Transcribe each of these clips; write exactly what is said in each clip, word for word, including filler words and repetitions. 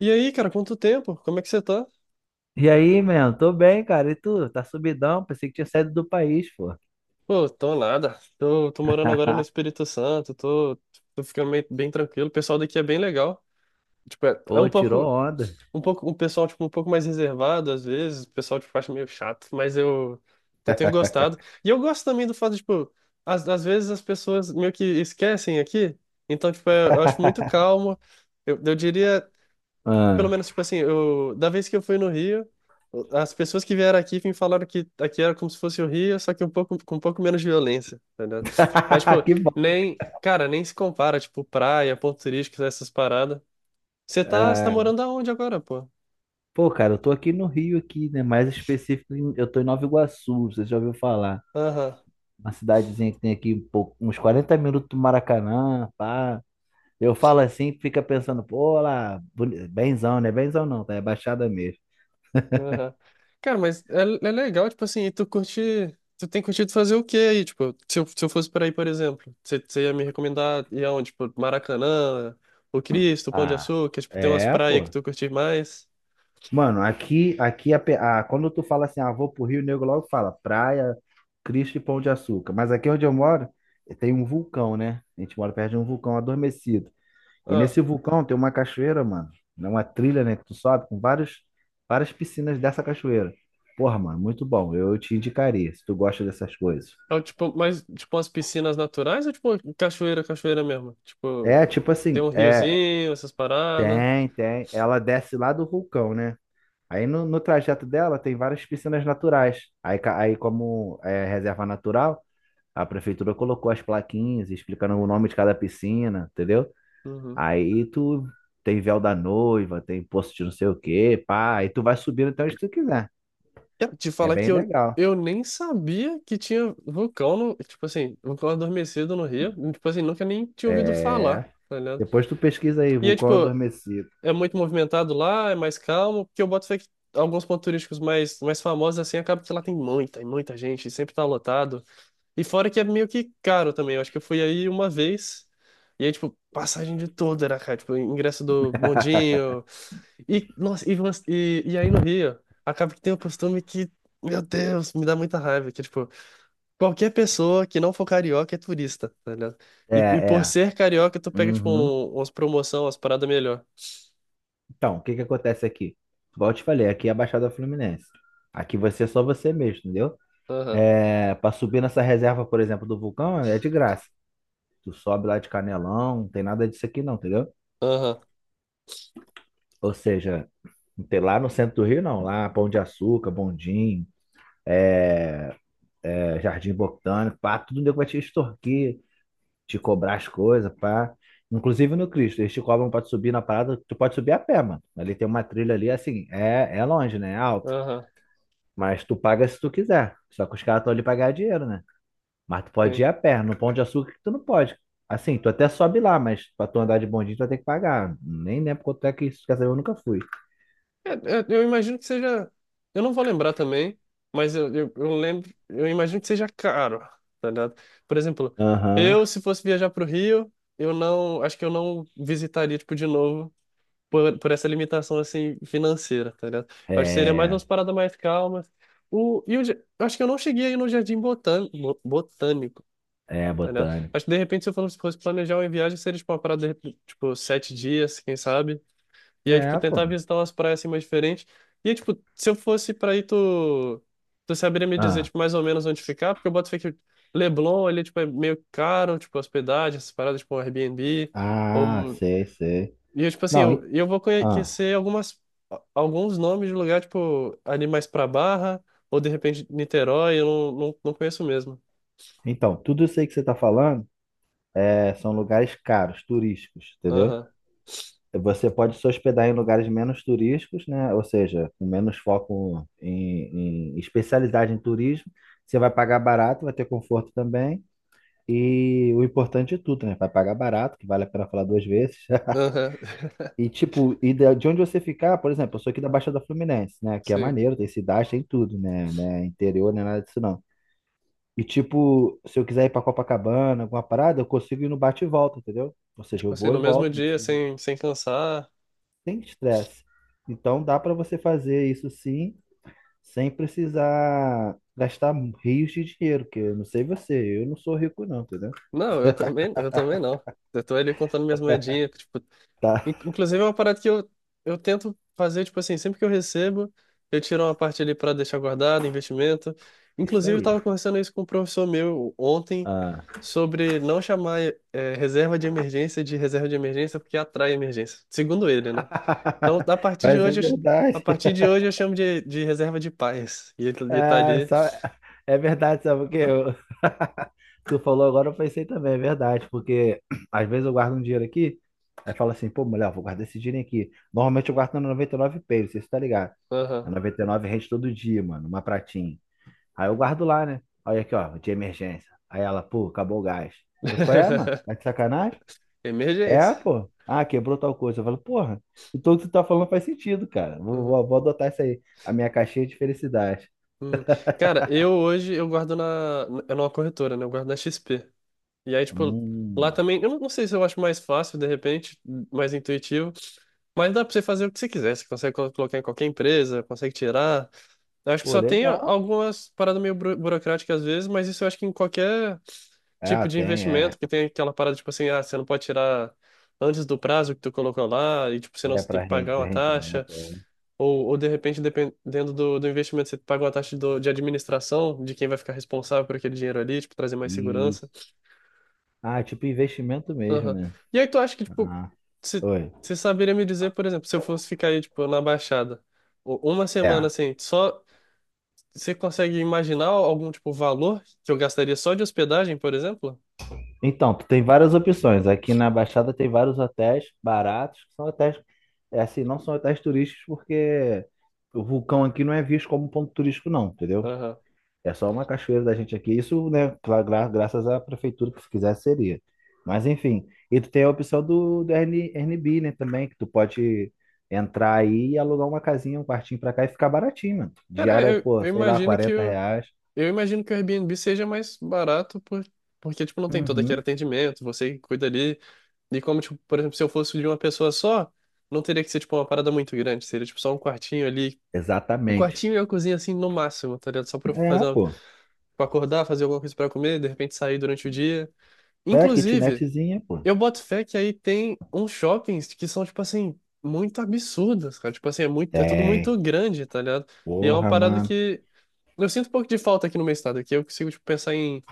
E aí, cara, quanto tempo? Como é que você tá? E aí, mano? Tô bem, cara. E tu? Tá subidão? Pensei que tinha saído do país, pô. Pô, tô nada. Tô, tô morando agora no Espírito Santo, tô, tô ficando meio- bem tranquilo. O pessoal daqui é bem legal. Tipo, é, é Pô, um tirou pouco, onda. um pouco, um pessoal, tipo, um pouco mais reservado às vezes. O pessoal, tipo, acha meio chato, mas eu, eu tenho gostado. E eu gosto também do fato, tipo, às, às vezes as pessoas meio que esquecem aqui. Então, tipo, é- eu acho muito calmo. Eu, eu diria. Pelo Ah. menos, tipo assim, eu, da vez que eu fui no Rio, as pessoas que vieram aqui me falaram que aqui era como se fosse o Rio, só que um pouco, com um pouco menos violência, tá ligado? Mas, tipo, Que bom. nem, cara, nem se compara, tipo, praia, pontos turísticos, essas paradas. Você tá, você tá Ah. morando aonde agora, pô? Pô, cara, eu tô aqui no Rio aqui, né? Mais específico, em- eu tô em Nova Iguaçu, você já ouviu falar? Aham, Uma cidadezinha que tem aqui um pouco- uns quarenta minutos do Maracanã, pá. Eu falo assim, fica pensando, pô, lá, boni- benzão, né? Benzão não, tá? É Baixada mesmo. aham. Cara, mas é, é legal, tipo assim, e tu curte, tu tem curtido fazer o quê aí? Tipo, se eu, se eu fosse por aí, por exemplo, você você ia me recomendar ir aonde? Tipo, Maracanã, o Cristo, o Pão de Ah, Açúcar, tipo, tem umas é, praias que pô. tu curte mais? Mano, aqui, aqui a, pe- a- quando tu fala assim, ah, vou pro Rio, o nego logo fala praia, Cristo e Pão de Açúcar. Mas aqui onde eu moro, tem um vulcão, né? A gente mora perto de um vulcão adormecido. E Ah, nesse vulcão tem uma cachoeira, mano. É uma trilha, né? Que tu sobe com vários, várias piscinas dessa cachoeira. Porra, mano, muito bom. Eu te indicaria, se tu gosta dessas coisas. é o tipo, mas tipo umas piscinas naturais ou tipo cachoeira, cachoeira mesmo? É, Tipo, tipo tem assim, um é, riozinho, essas paradas. tem, tem. Ela desce lá do vulcão, né? Aí no, no trajeto dela tem várias piscinas naturais. Aí, ca- aí como é reserva natural, a prefeitura colocou as plaquinhas explicando o nome de cada piscina, entendeu? Uhum. Aí tu tem véu da noiva, tem poço de não sei o quê, pá. Aí tu vai subindo até onde tu quiser. Cara, te É falar bem que eu, legal. eu nem sabia que tinha vulcão no, tipo assim, vulcão adormecido no Rio. Tipo assim, nunca nem tinha ouvido É. falar, tá ligado? Depois tu pesquisa aí, E é vulcão tipo, adormecido. é muito movimentado lá, é mais calmo, porque eu boto fé que alguns pontos turísticos mais, mais famosos assim, acaba que lá tem muita, e muita gente, sempre tá lotado. E fora que é meio que caro também. Eu acho que eu fui aí uma vez. E aí, tipo, passagem de tudo era caro. Tipo, ingresso do bondinho. E, nossa, e, umas- e, e aí no Rio, acaba que tem um costume que, meu Deus, me dá muita raiva. Que, tipo, qualquer pessoa que não for carioca é turista, tá ligado? É, E, e por é. ser carioca, tu pega, tipo, Uhum. um, umas promoção, umas paradas melhor. Então, o que que acontece aqui? Igual eu te falei, aqui é a Baixada Fluminense. Aqui vai ser só você mesmo, entendeu? Aham, É, para subir nessa reserva, por exemplo, do vulcão, é de graça. Tu sobe lá de Canelão, não tem nada disso aqui não, entendeu? aham, Ou seja, não tem lá no centro do Rio não, lá Pão de Açúcar, Bondim, é, é, Jardim Botânico, pá, tudo nego vai te extorquir, te cobrar as coisas, pá. Inclusive no Cristo, eles te cobram pra tu subir na parada, tu pode subir a pé, mano. Ali tem uma trilha ali, assim, é, é longe, né? É alto. aham. Mas tu paga se tu quiser. Só que os caras estão ali pra ganhar dinheiro, né? Mas tu pode ir a pé. No Pão de Açúcar que tu não pode. Assim, tu até sobe lá, mas pra tu andar de bondinho tu vai ter que pagar. Nem lembro quanto é que isso. Quer saber, eu nunca fui. É, é, eu imagino que seja. Eu não vou lembrar também, mas eu, eu, eu lembro. Eu imagino que seja caro, tá ligado? Por exemplo, Aham. eu, se fosse viajar pro Rio, eu não. Acho que eu não visitaria, tipo, de novo por, por essa limitação, assim, financeira, tá ligado? Eu acho que seria mais É, umas paradas mais calmas. O, e o, ja- eu acho que eu não cheguei aí no Jardim Botan- Bo- Botânico, é tá ligado? botânico. Acho que, de repente, se eu fosse fosse planejar uma viagem, seria, tipo, uma parada, de, repente, tipo, sete dias, quem sabe? E aí, tipo, É, pô. tentar visitar umas praias assim mais diferentes. E, aí, tipo, se eu fosse pra aí, tu, tu saberia me dizer, Ah, tipo, mais ou menos onde ficar? Porque eu boto fé que Leblon ali, tipo, é meio caro, tipo, hospedagem, essas paradas, tipo, um Airbnb. ah, Ou... sei, sei. E, eu, tipo assim, Não, eu, en- eu vou ah. conhecer algumas, alguns nomes de lugar, tipo, ali mais pra Barra, ou de repente Niterói, eu não, não, não conheço mesmo. Então, tudo isso aí que você tá falando é, são lugares caros, turísticos, entendeu? Aham, Você pode se hospedar em lugares menos turísticos, né? Ou seja, com menos foco em, em especialidade em turismo. Você vai pagar barato, vai ter conforto também. E o importante é tudo, né? Vai pagar barato, que vale a pena falar duas vezes. aham, E tipo, e da- de onde você ficar, por exemplo, eu sou aqui da Baixada Fluminense, né? Que é sim. maneiro, tem cidade, tem tudo, né? né? Interior, nem nada disso não. E tipo, se eu quiser ir pra Copacabana, alguma parada, eu consigo ir no bate e volta, entendeu? Ou seja, eu Tipo assim, vou e no mesmo volto, não dia, preciso- sem, sem cansar. sem estresse. Então dá pra você fazer isso sim, sem precisar gastar rios de dinheiro, que eu não sei você, eu não sou rico não, entendeu? Não, eu também, eu também não. Eu tô ali contando minhas moedinhas, tipo, Tá, in- inclusive é uma parada que eu, eu tento fazer, tipo assim, sempre que eu recebo, eu tiro uma parte ali para deixar guardado, investimento. isso Inclusive, eu aí. tava conversando isso com um professor meu ontem Ah. sobre não chamar é, reserva de emergência de reserva de emergência porque atrai emergência, segundo ele, né? Então, a partir de Mas é hoje, eu ch- a verdade. partir de hoje eu chamo de, de reserva de paz. E ele, ele tá É, ali, só- é verdade, sabe porque eu... tu falou agora, eu pensei também, é verdade, porque às vezes eu guardo um dinheiro aqui, aí fala assim, pô, mulher, eu vou guardar esse dinheiro aqui. Normalmente eu guardo na noventa e nove Pay, não sei se você tá ligado. A aham. noventa e nove rende todo dia, mano, uma pratinha. Aí eu guardo lá, né? Olha aqui, ó, de emergência. Aí ela, pô, acabou o gás. Eu, qual é, mano? Tá de sacanagem? É, Emergência. pô. Ah, quebrou tal coisa. Eu falo, porra, então o que tu tá falando faz sentido, cara. Vou, Uhum. vou, vou adotar isso aí. A minha caixinha de felicidade. Uhum. Cara, eu hoje eu guardo na, é numa corretora, né? Eu guardo na X P. E aí, tipo, lá Hum, também, eu não não sei se eu acho mais fácil, de repente, mais intuitivo, mas dá pra você fazer o que você quiser. Você consegue colo- colocar em qualquer empresa, consegue tirar. Eu acho que pô, só tem legal. algumas paradas meio buro- burocráticas às vezes, mas isso eu acho que em qualquer tipo É, de tem, é. investimento, que tem aquela parada, tipo assim, ah, você não pode tirar antes do prazo que tu colocou lá, e tipo, senão É você tem para que pagar uma taxa. rendimento. É. Ou, ou de repente, dependendo do, do investimento, você paga uma taxa do, de administração, de quem vai ficar responsável por aquele dinheiro ali, tipo, trazer mais segurança. Isso. Ah, é tipo investimento mesmo, Aham. né? E aí tu acha que, tipo, Ah, você oi. você saberia me dizer, por exemplo, se eu fosse ficar aí, tipo, na Baixada, u- uma semana É. assim, só você consegue imaginar algum, tipo, valor que eu gastaria só de hospedagem, por exemplo? Então, tu tem várias opções. Aqui na Baixada tem vários hotéis baratos, que são hotéis, é assim, não são hotéis turísticos, porque o vulcão aqui não é visto como ponto turístico, não, entendeu? Aham. É só uma cachoeira da gente aqui. Isso, né, gra- gra- graças à prefeitura que se quisesse seria. Mas enfim, e tu tem a opção do, do Airbnb, Airbnb, né, também, que tu pode entrar aí e alugar uma casinha, um quartinho pra cá e ficar baratinho, mano. Cara, Diária, é, eu, pô, eu sei lá, imagino que quarenta o, reais. eu imagino que o Airbnb seja mais barato por, porque, tipo, não tem todo aquele Uhum. atendimento, você cuida ali. E como, tipo, por exemplo, se eu fosse de uma pessoa só, não teria que ser, tipo, uma parada muito grande. Seria, tipo, só um quartinho ali. Um Exatamente. quartinho e uma cozinha, assim, no máximo, tá ligado? Só pra eu fazer, É, uma- pô. pra acordar, fazer alguma coisa pra comer, de repente sair durante o dia. É, Inclusive, kitnetzinha, pô. eu boto fé que aí tem uns shoppings que são, tipo, assim, muito absurdos, cara. Tipo, assim, é muito, é tudo muito Tem. grande, tá ligado? E é uma Porra, parada mano. que eu sinto um pouco de falta aqui no meu estado, que eu consigo, tipo, pensar em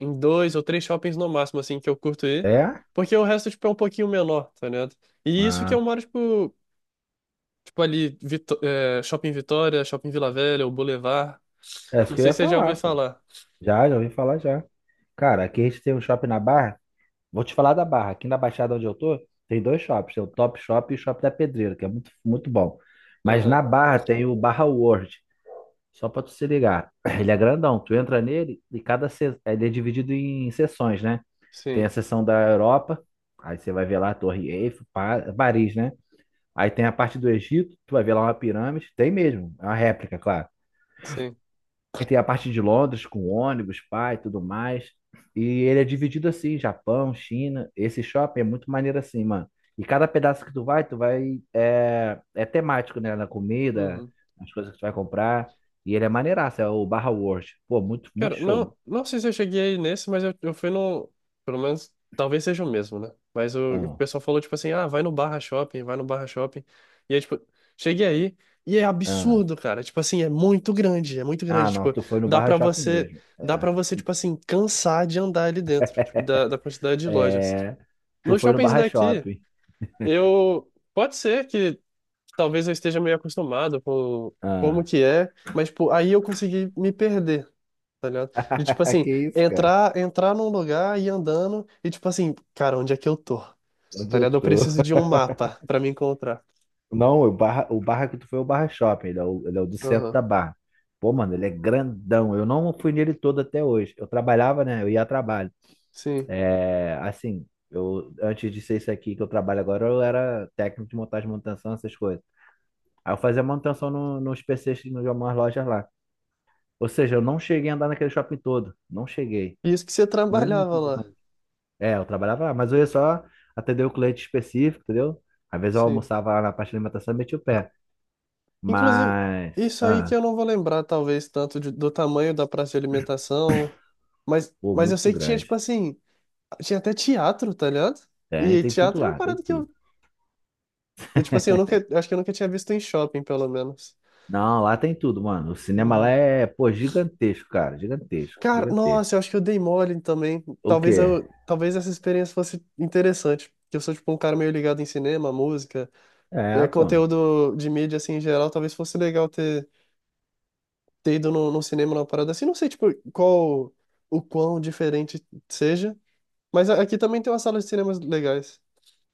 em dois ou três shoppings no máximo, assim, que eu curto ir. É? Porque o resto, tipo, é um pouquinho menor, tá ligado? E isso que eu Ah, moro, tipo, tipo ali, Vitó- é, Shopping Vitória, Shopping Vila Velha, o Boulevard. é isso Não que eu sei ia se você já falar, ouviu pô. falar. Já, já ouvi falar já. Cara, aqui a gente tem um shopping na Barra. Vou te falar da Barra. Aqui na Baixada onde eu tô, tem dois shops. Tem o Top Shop e o Shop da Pedreira, que é muito, muito bom. Mas na Aham. Barra tem o Barra World, só pra tu se ligar. Ele é grandão. Tu entra nele e cada se... ele é dividido em seções, né? Tem Sim, a seção da Europa, aí você vai ver lá a Torre Eiffel, Pa- Paris, né? Aí tem a parte do Egito, tu vai ver lá uma pirâmide. Tem mesmo, é uma réplica, claro. sim. Aí tem a parte de Londres com ônibus, pai, tudo mais. E ele é dividido assim, Japão, China. Esse shopping é muito maneiro assim, mano. E cada pedaço que tu vai, tu vai é, é temático, né? Na comida, Uhum. nas coisas que tu vai comprar. E ele é maneiraço, é o Barra World. Pô, muito, muito Cara, show. não, não sei se eu cheguei nesse, mas eu, eu fui no. Pelo menos, talvez seja o mesmo, né? Mas o, o Ah, pessoal falou, tipo assim, ah, vai no Barra Shopping, vai no Barra Shopping. E aí, tipo, cheguei aí e é ah. absurdo, cara. Tipo assim, é muito grande, é muito Ah, grande. não, Tipo, tu foi no dá Barra pra Shopping você, mesmo. dá É, pra você, tipo assim, cansar de andar ali dentro, tipo, da, da quantidade de lojas. é, tu Nos foi no shoppings Barra daqui, Shopping. eu. Pode ser que talvez eu esteja meio acostumado com como Ah. que é, mas, tipo, aí eu consegui me perder, tá ligado? De tipo assim, Que isso, cara? entrar, entrar num lugar, e ir andando e tipo assim, cara, onde é que eu tô? Onde Tá eu ligado? Eu tô? preciso de um mapa pra me encontrar. Não, o Barra, o Barra que tu foi é o Barra Shopping, ele é o, ele é o do centro Aham, da Barra. Pô, mano, ele é grandão. Eu não fui nele todo até hoje. Eu trabalhava, né? Eu ia a trabalho. sim. É, assim, eu antes de ser isso aqui que eu trabalho agora, eu era técnico de montagem, manutenção, essas coisas. Aí eu fazia manutenção no, nos P Cs de algumas lojas lá. Ou seja, eu não cheguei a andar naquele shopping todo. Não cheguei. E isso que você Muito trabalhava lá, grande. É, eu trabalhava lá, mas eu ia só atender o cliente específico, entendeu? Às vezes eu sim. almoçava lá na parte de alimentação e metia o pé. Inclusive, Mas. isso aí que ah, eu não vou lembrar, talvez, tanto de- do tamanho da praça de alimentação, mas, Pô, mas eu muito sei que tinha, tipo grande. assim, tinha até teatro, tá ligado? Tem, E tem tudo teatro é uma lá, tem parada que tudo. eu, eu, tipo assim, eu nunca, acho que eu nunca tinha visto em shopping, pelo menos. Não, lá tem tudo, mano. O cinema lá Uhum. é, pô, gigantesco, cara. Gigantesco, Cara, gigantesco. nossa, eu acho que eu dei mole também. O Talvez quê? eu, talvez essa experiência fosse interessante. Que eu sou tipo um cara meio ligado em cinema, música, é, É, pô. conteúdo de mídia assim em geral. Talvez fosse legal ter, ter ido no, no cinema numa parada assim. Não sei tipo qual o quão diferente seja, mas a- aqui também tem uma sala de cinemas legais.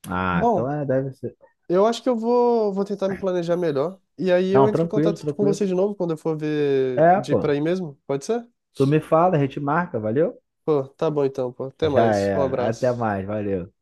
Ah, então Bom, é, deve ser. eu acho que eu vou, vou tentar me planejar melhor. E aí eu Não, entro em tranquilo, contato com tranquilo. você de novo quando eu for ver É, de ir pra pô. aí mesmo. Pode ser? Tu me fala, a gente marca, valeu? Pô, tá bom então, pô. Até Já mais. Um é. Até abraço. mais, valeu.